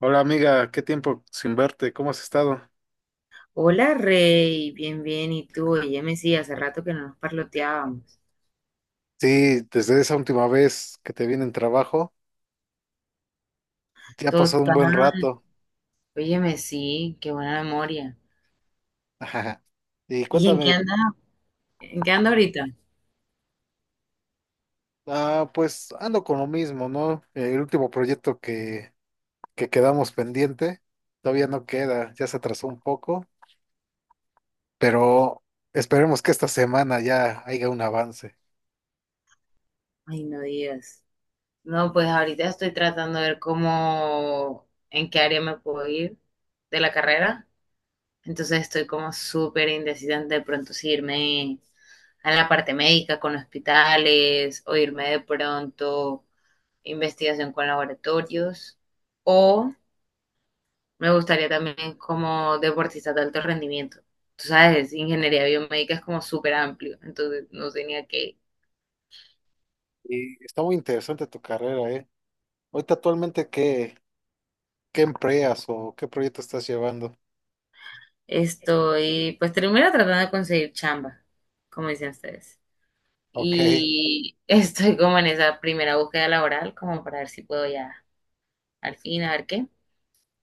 Hola amiga, qué tiempo sin verte, ¿cómo has estado? Hola Rey, bien, bien, ¿y tú? Óyeme, sí, hace rato que no nos parloteábamos. Sí, desde esa última vez que te vine en trabajo, ya ha pasado un buen Total, rato. óyeme, sí, qué buena memoria. Y ¿Y en qué cuéntame, anda? ¿En qué anda ahorita? ah, pues ando con lo mismo, ¿no? El último proyecto que quedamos pendiente todavía no queda, ya se atrasó un poco, pero esperemos que esta semana ya haya un avance. Ay, no digas. No, pues ahorita estoy tratando de ver cómo, en qué área me puedo ir de la carrera. Entonces estoy como súper indecisa de pronto si irme a la parte médica con hospitales o irme de pronto a investigación con laboratorios o me gustaría también como deportista de alto rendimiento. Tú sabes, ingeniería biomédica es como súper amplio, entonces no tenía que ir. Y está muy interesante tu carrera, ¿eh? Ahorita actualmente, ¿qué, qué empleas o qué proyecto estás llevando? Estoy, pues primero tratando de conseguir chamba, como dicen ustedes. Ok. Y estoy como en esa primera búsqueda laboral, como para ver si puedo ya al fin, a ver qué.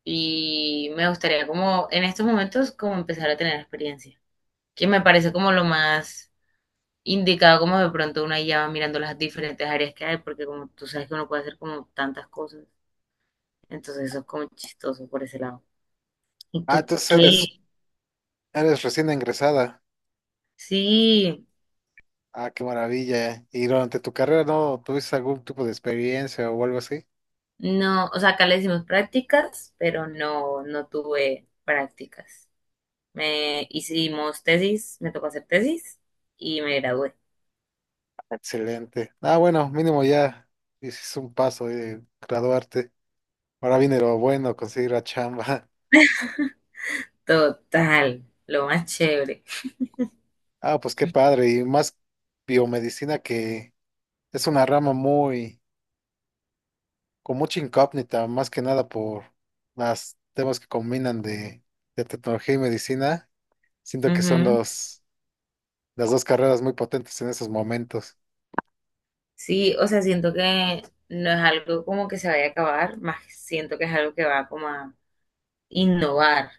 Y me gustaría como en estos momentos como empezar a tener experiencia, que me parece como lo más indicado, como de pronto una guía, va mirando las diferentes áreas que hay, porque como tú sabes que uno puede hacer como tantas cosas, entonces eso es como chistoso por ese lado. ¿Y Ah, tú entonces qué? eres recién ingresada. Sí, Ah, qué maravilla. ¿Y durante tu carrera no tuviste algún tipo de experiencia o algo así? no, o sea, acá le decimos prácticas, pero no, no tuve prácticas. Me hicimos tesis, me tocó hacer tesis y me gradué. Excelente. Ah, bueno, mínimo ya hiciste un paso de graduarte. Ahora viene lo bueno, conseguir la chamba. Total, lo más chévere. Ah, pues qué padre. Y más biomedicina que es una rama muy, con mucha incógnita, más que nada por las temas que combinan de tecnología y medicina. Siento que son Ujú. Las dos carreras muy potentes en esos momentos. Sí, o sea, siento que no es algo como que se vaya a acabar, más siento que es algo que va como a innovar,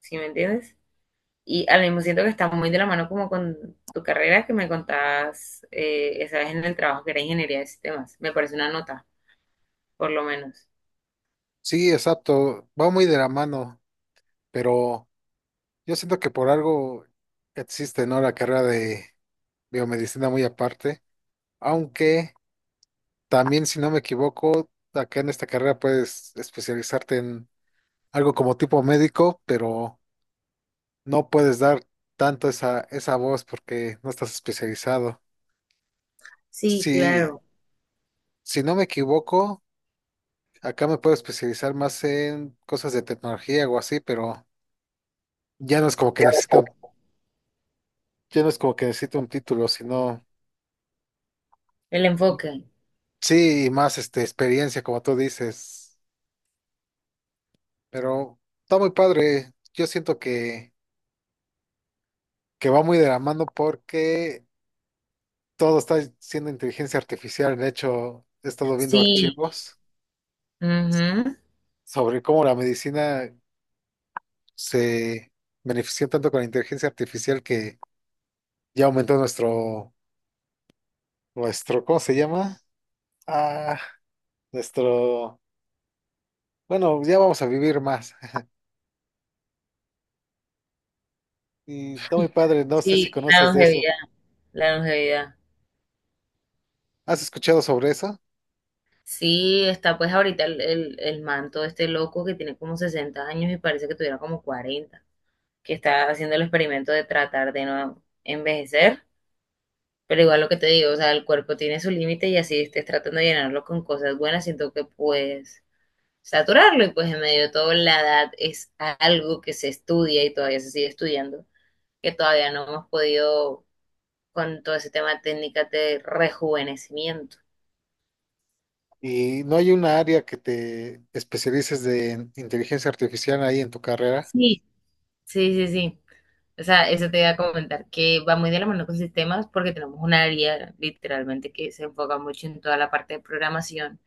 ¿sí me entiendes? Y al mismo siento que está muy de la mano como con tu carrera que me contabas, esa vez en el trabajo, que era ingeniería de sistemas. Me parece una nota, por lo menos. Sí, exacto, va muy de la mano, pero yo siento que por algo existe, ¿no? La carrera de biomedicina muy aparte, aunque también, si no me equivoco, acá en esta carrera puedes especializarte en algo como tipo médico, pero no puedes dar tanto esa voz porque no estás especializado. Sí, Si, claro, si no me equivoco, acá me puedo especializar más en cosas de tecnología o así, pero ya no es como que necesito. Yo no es como que necesito un título, sino el enfoque. sí, y más este experiencia, como tú dices. Pero está muy padre. Yo siento que va muy de la mano porque todo está siendo inteligencia artificial. De hecho, he estado viendo Sí, archivos ujú. sobre cómo la medicina se benefició tanto con la inteligencia artificial que ya aumentó nuestro, ¿cómo se llama? Ah, nuestro, bueno, ya vamos a vivir más. Y está muy padre, no sé si Sí, la conoces de eso. longevidad, la longevidad. ¿Has escuchado sobre eso? Sí, está pues ahorita el man todo este loco que tiene como 60 años y parece que tuviera como 40, que está haciendo el experimento de tratar de no envejecer. Pero igual lo que te digo, o sea, el cuerpo tiene su límite, y así estés tratando de llenarlo con cosas buenas, siento que puedes saturarlo, y pues en medio de todo la edad es algo que se estudia y todavía se sigue estudiando, que todavía no hemos podido con todo ese tema de técnicas de rejuvenecimiento. ¿Y no hay una área que te especialices de en inteligencia artificial ahí en tu carrera? Sí, sí, sí, sí. O sea, eso te iba a comentar, que va muy de la mano con sistemas, porque tenemos un área literalmente que se enfoca mucho en toda la parte de programación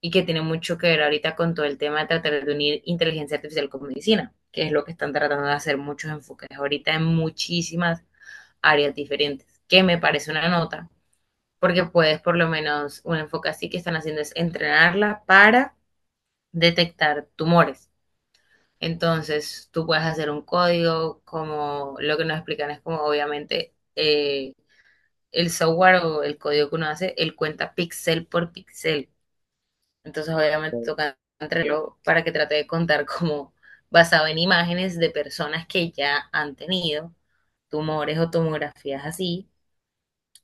y que tiene mucho que ver ahorita con todo el tema de tratar de unir inteligencia artificial con medicina, que es lo que están tratando de hacer muchos enfoques ahorita en muchísimas áreas diferentes, que me parece una nota, porque puedes, por lo menos un enfoque así que están haciendo es entrenarla para detectar tumores. Entonces, tú puedes hacer un código. Como lo que nos explican es como, obviamente, el software o el código que uno hace, él cuenta píxel por píxel. Entonces, obviamente, toca entregarlo para que trate de contar como basado en imágenes de personas que ya han tenido tumores o tomografías así.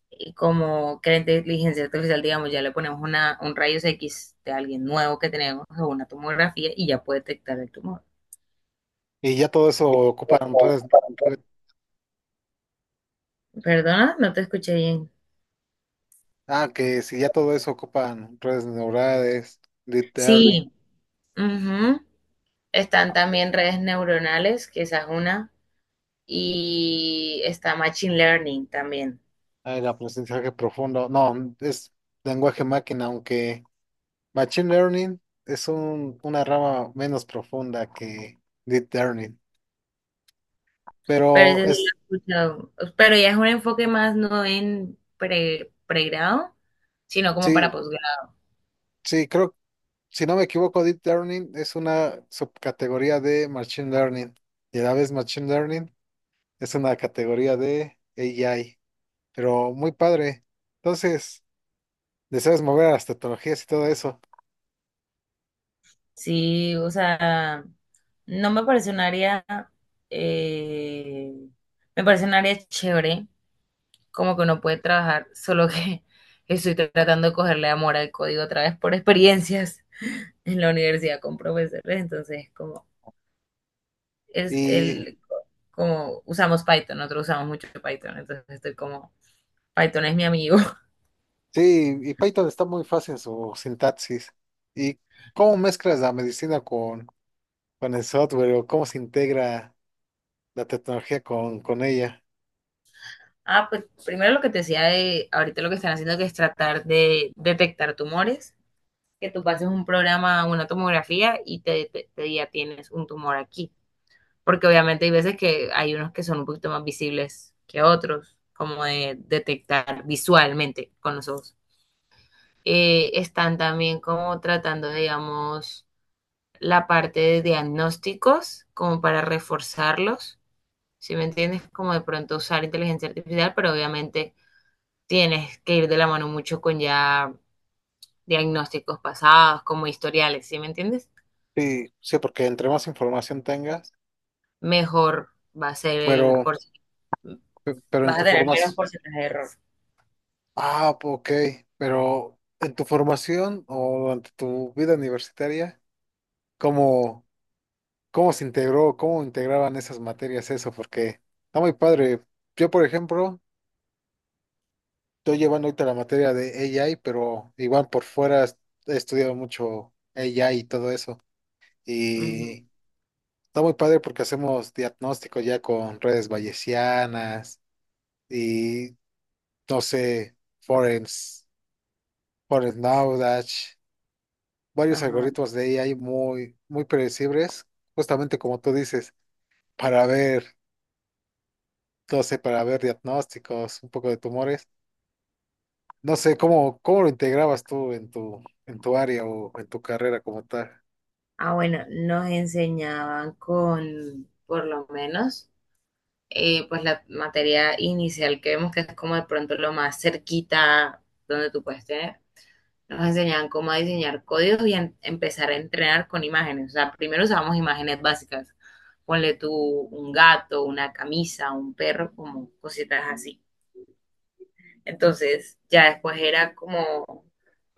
Y como que la inteligencia artificial, digamos, ya le ponemos una, un rayos X de alguien nuevo que tenemos, o una tomografía, y ya puede detectar el tumor. Y ya todo eso ocupan redes. Perdona, no te escuché bien. Ah, que si ya todo eso ocupan redes neurales, deep learning, Sí, ujú. Están también redes neuronales, que esa es una, y está Machine Learning también. ah, el aprendizaje profundo. No, es lenguaje máquina, aunque machine learning es una rama menos profunda que deep learning. Pero Pero ese sí es, lo he escuchado. Pero ya es un enfoque más no en pregrado, sino como para sí, posgrado. sí, creo. Si no me equivoco, Deep Learning es una subcategoría de Machine Learning y a la vez Machine Learning es una categoría de AI, pero muy padre. Entonces, deseas mover a las tecnologías y todo eso. Sí, o sea, no me parece un área, eh, me parece un área chévere, como que uno puede trabajar, solo que estoy tratando de cogerle amor al código otra vez por experiencias en la universidad con profesores, entonces como es Y el, como usamos Python, nosotros usamos mucho Python, entonces estoy como, Python es mi amigo. sí, y Python está muy fácil en su sintaxis. ¿Y cómo mezclas la medicina con el software o cómo se integra la tecnología con ella? Ah, pues primero lo que te decía de ahorita, lo que están haciendo, que es tratar de detectar tumores, que tú pases un programa, una tomografía, y te, te diga: tienes un tumor aquí. Porque obviamente hay veces que hay unos que son un poquito más visibles que otros, como de detectar visualmente con los ojos. Están también como tratando, digamos, la parte de diagnósticos, como para reforzarlos, si me entiendes? Como de pronto usar inteligencia artificial, pero obviamente tienes que ir de la mano mucho con ya diagnósticos pasados, como historiales, ¿sí me entiendes? Sí, sí, porque entre más información tengas, Mejor va a ser el pero, por si, pero en vas a tu tener menos formación. porcentaje de error. Ah, ok, ok. Pero en tu formación o durante tu vida universitaria, ¿cómo, cómo se integró, cómo integraban esas materias eso? Porque está muy padre. Yo, por ejemplo, estoy llevando ahorita la materia de AI, pero igual por fuera he estudiado mucho AI y todo eso. Ujú. Y está muy padre porque hacemos diagnóstico ya con redes bayesianas y, no sé, Forens Knowledge. Varios Ajá. algoritmos de AI muy, muy predecibles, justamente como tú dices, para ver, no sé, para ver diagnósticos, un poco de tumores. No sé, ¿cómo, cómo lo integrabas tú en tu área o en tu carrera como tal? Ah, bueno, nos enseñaban con, por lo menos, pues la materia inicial que vemos, que es como de pronto lo más cerquita donde tú puedes tener. Nos enseñaban cómo diseñar códigos y empezar a entrenar con imágenes. O sea, primero usábamos imágenes básicas. Ponle tú un gato, una camisa, un perro, como cositas así. Entonces, ya después era como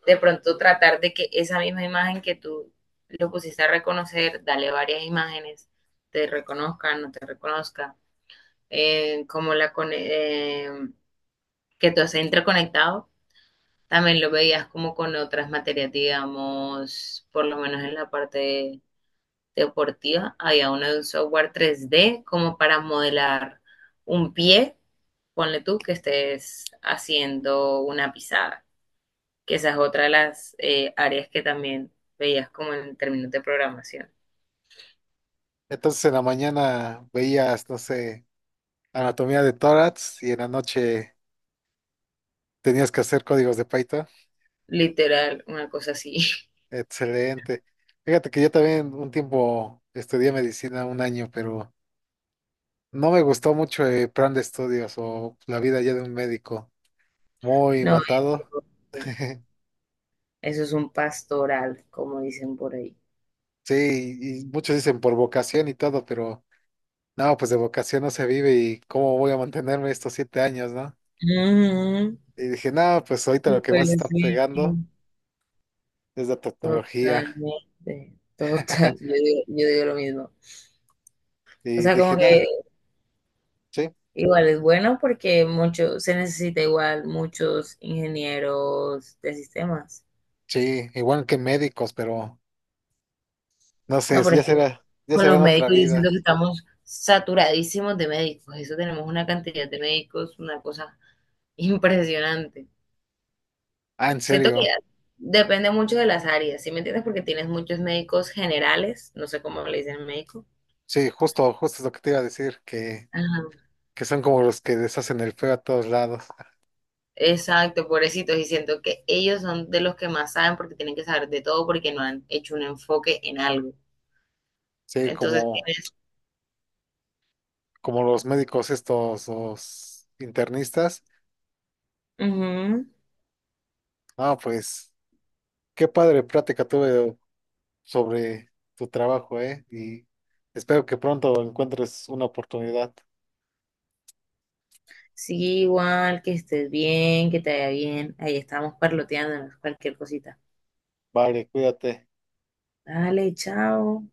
de pronto tratar de que esa misma imagen que tú lo pusiste a reconocer, dale varias imágenes, te reconozca, no te reconozca, eh, como la, cone- eh, que todo esté interconectado. También lo veías como con otras materias, digamos, por lo menos en la parte deportiva, había uno de un software 3D como para modelar un pie, ponle tú que estés haciendo una pisada, que esa es otra de las, áreas que también veías como en términos de programación. Entonces en la mañana veías, no sé, anatomía de tórax y en la noche tenías que hacer códigos de Python. Literal, una cosa así. Excelente. Fíjate que yo también un tiempo estudié medicina un año, pero no me gustó mucho el plan de estudios o la vida ya de un médico. Muy No, matado. eso, eso es un pastoral, como dicen por ahí. Sí, y muchos dicen por vocación y todo, pero no, pues de vocación no se vive y cómo voy a mantenerme estos 7 años, ¿no? Ujú, Y dije, no, pues ahorita lo que súper, más está sí. pegando es la tecnología. Totalmente, total, yo digo, yo digo lo mismo. O Y sea, dije, como no, que sí, igual es bueno porque se necesita igual muchos ingenieros de sistemas. sí, igual que médicos, pero no sé, No, por ejemplo, ya con será los en otra médicos yo siento vida. que estamos saturadísimos de médicos. Eso, tenemos una cantidad de médicos, una cosa impresionante. Ah, en Siento que serio, ya depende mucho de las áreas, ¿sí me entiendes? Porque tienes muchos médicos generales, no sé cómo le dicen médico. sí, justo, justo es lo que te iba a decir, que, Ajá. que son como los que deshacen el feo a todos lados. Exacto, pobrecitos, y siento que ellos son de los que más saben porque tienen que saber de todo porque no han hecho un enfoque en algo. Sí, Entonces como, tienes, como los médicos estos, los internistas. ujú. Ah, pues qué padre plática tuve sobre tu trabajo, ¿eh? Y espero que pronto encuentres una oportunidad. Sí, igual, que estés bien, que te vaya bien. Ahí estamos parloteando cualquier cosita. Vale, cuídate. Dale, chao.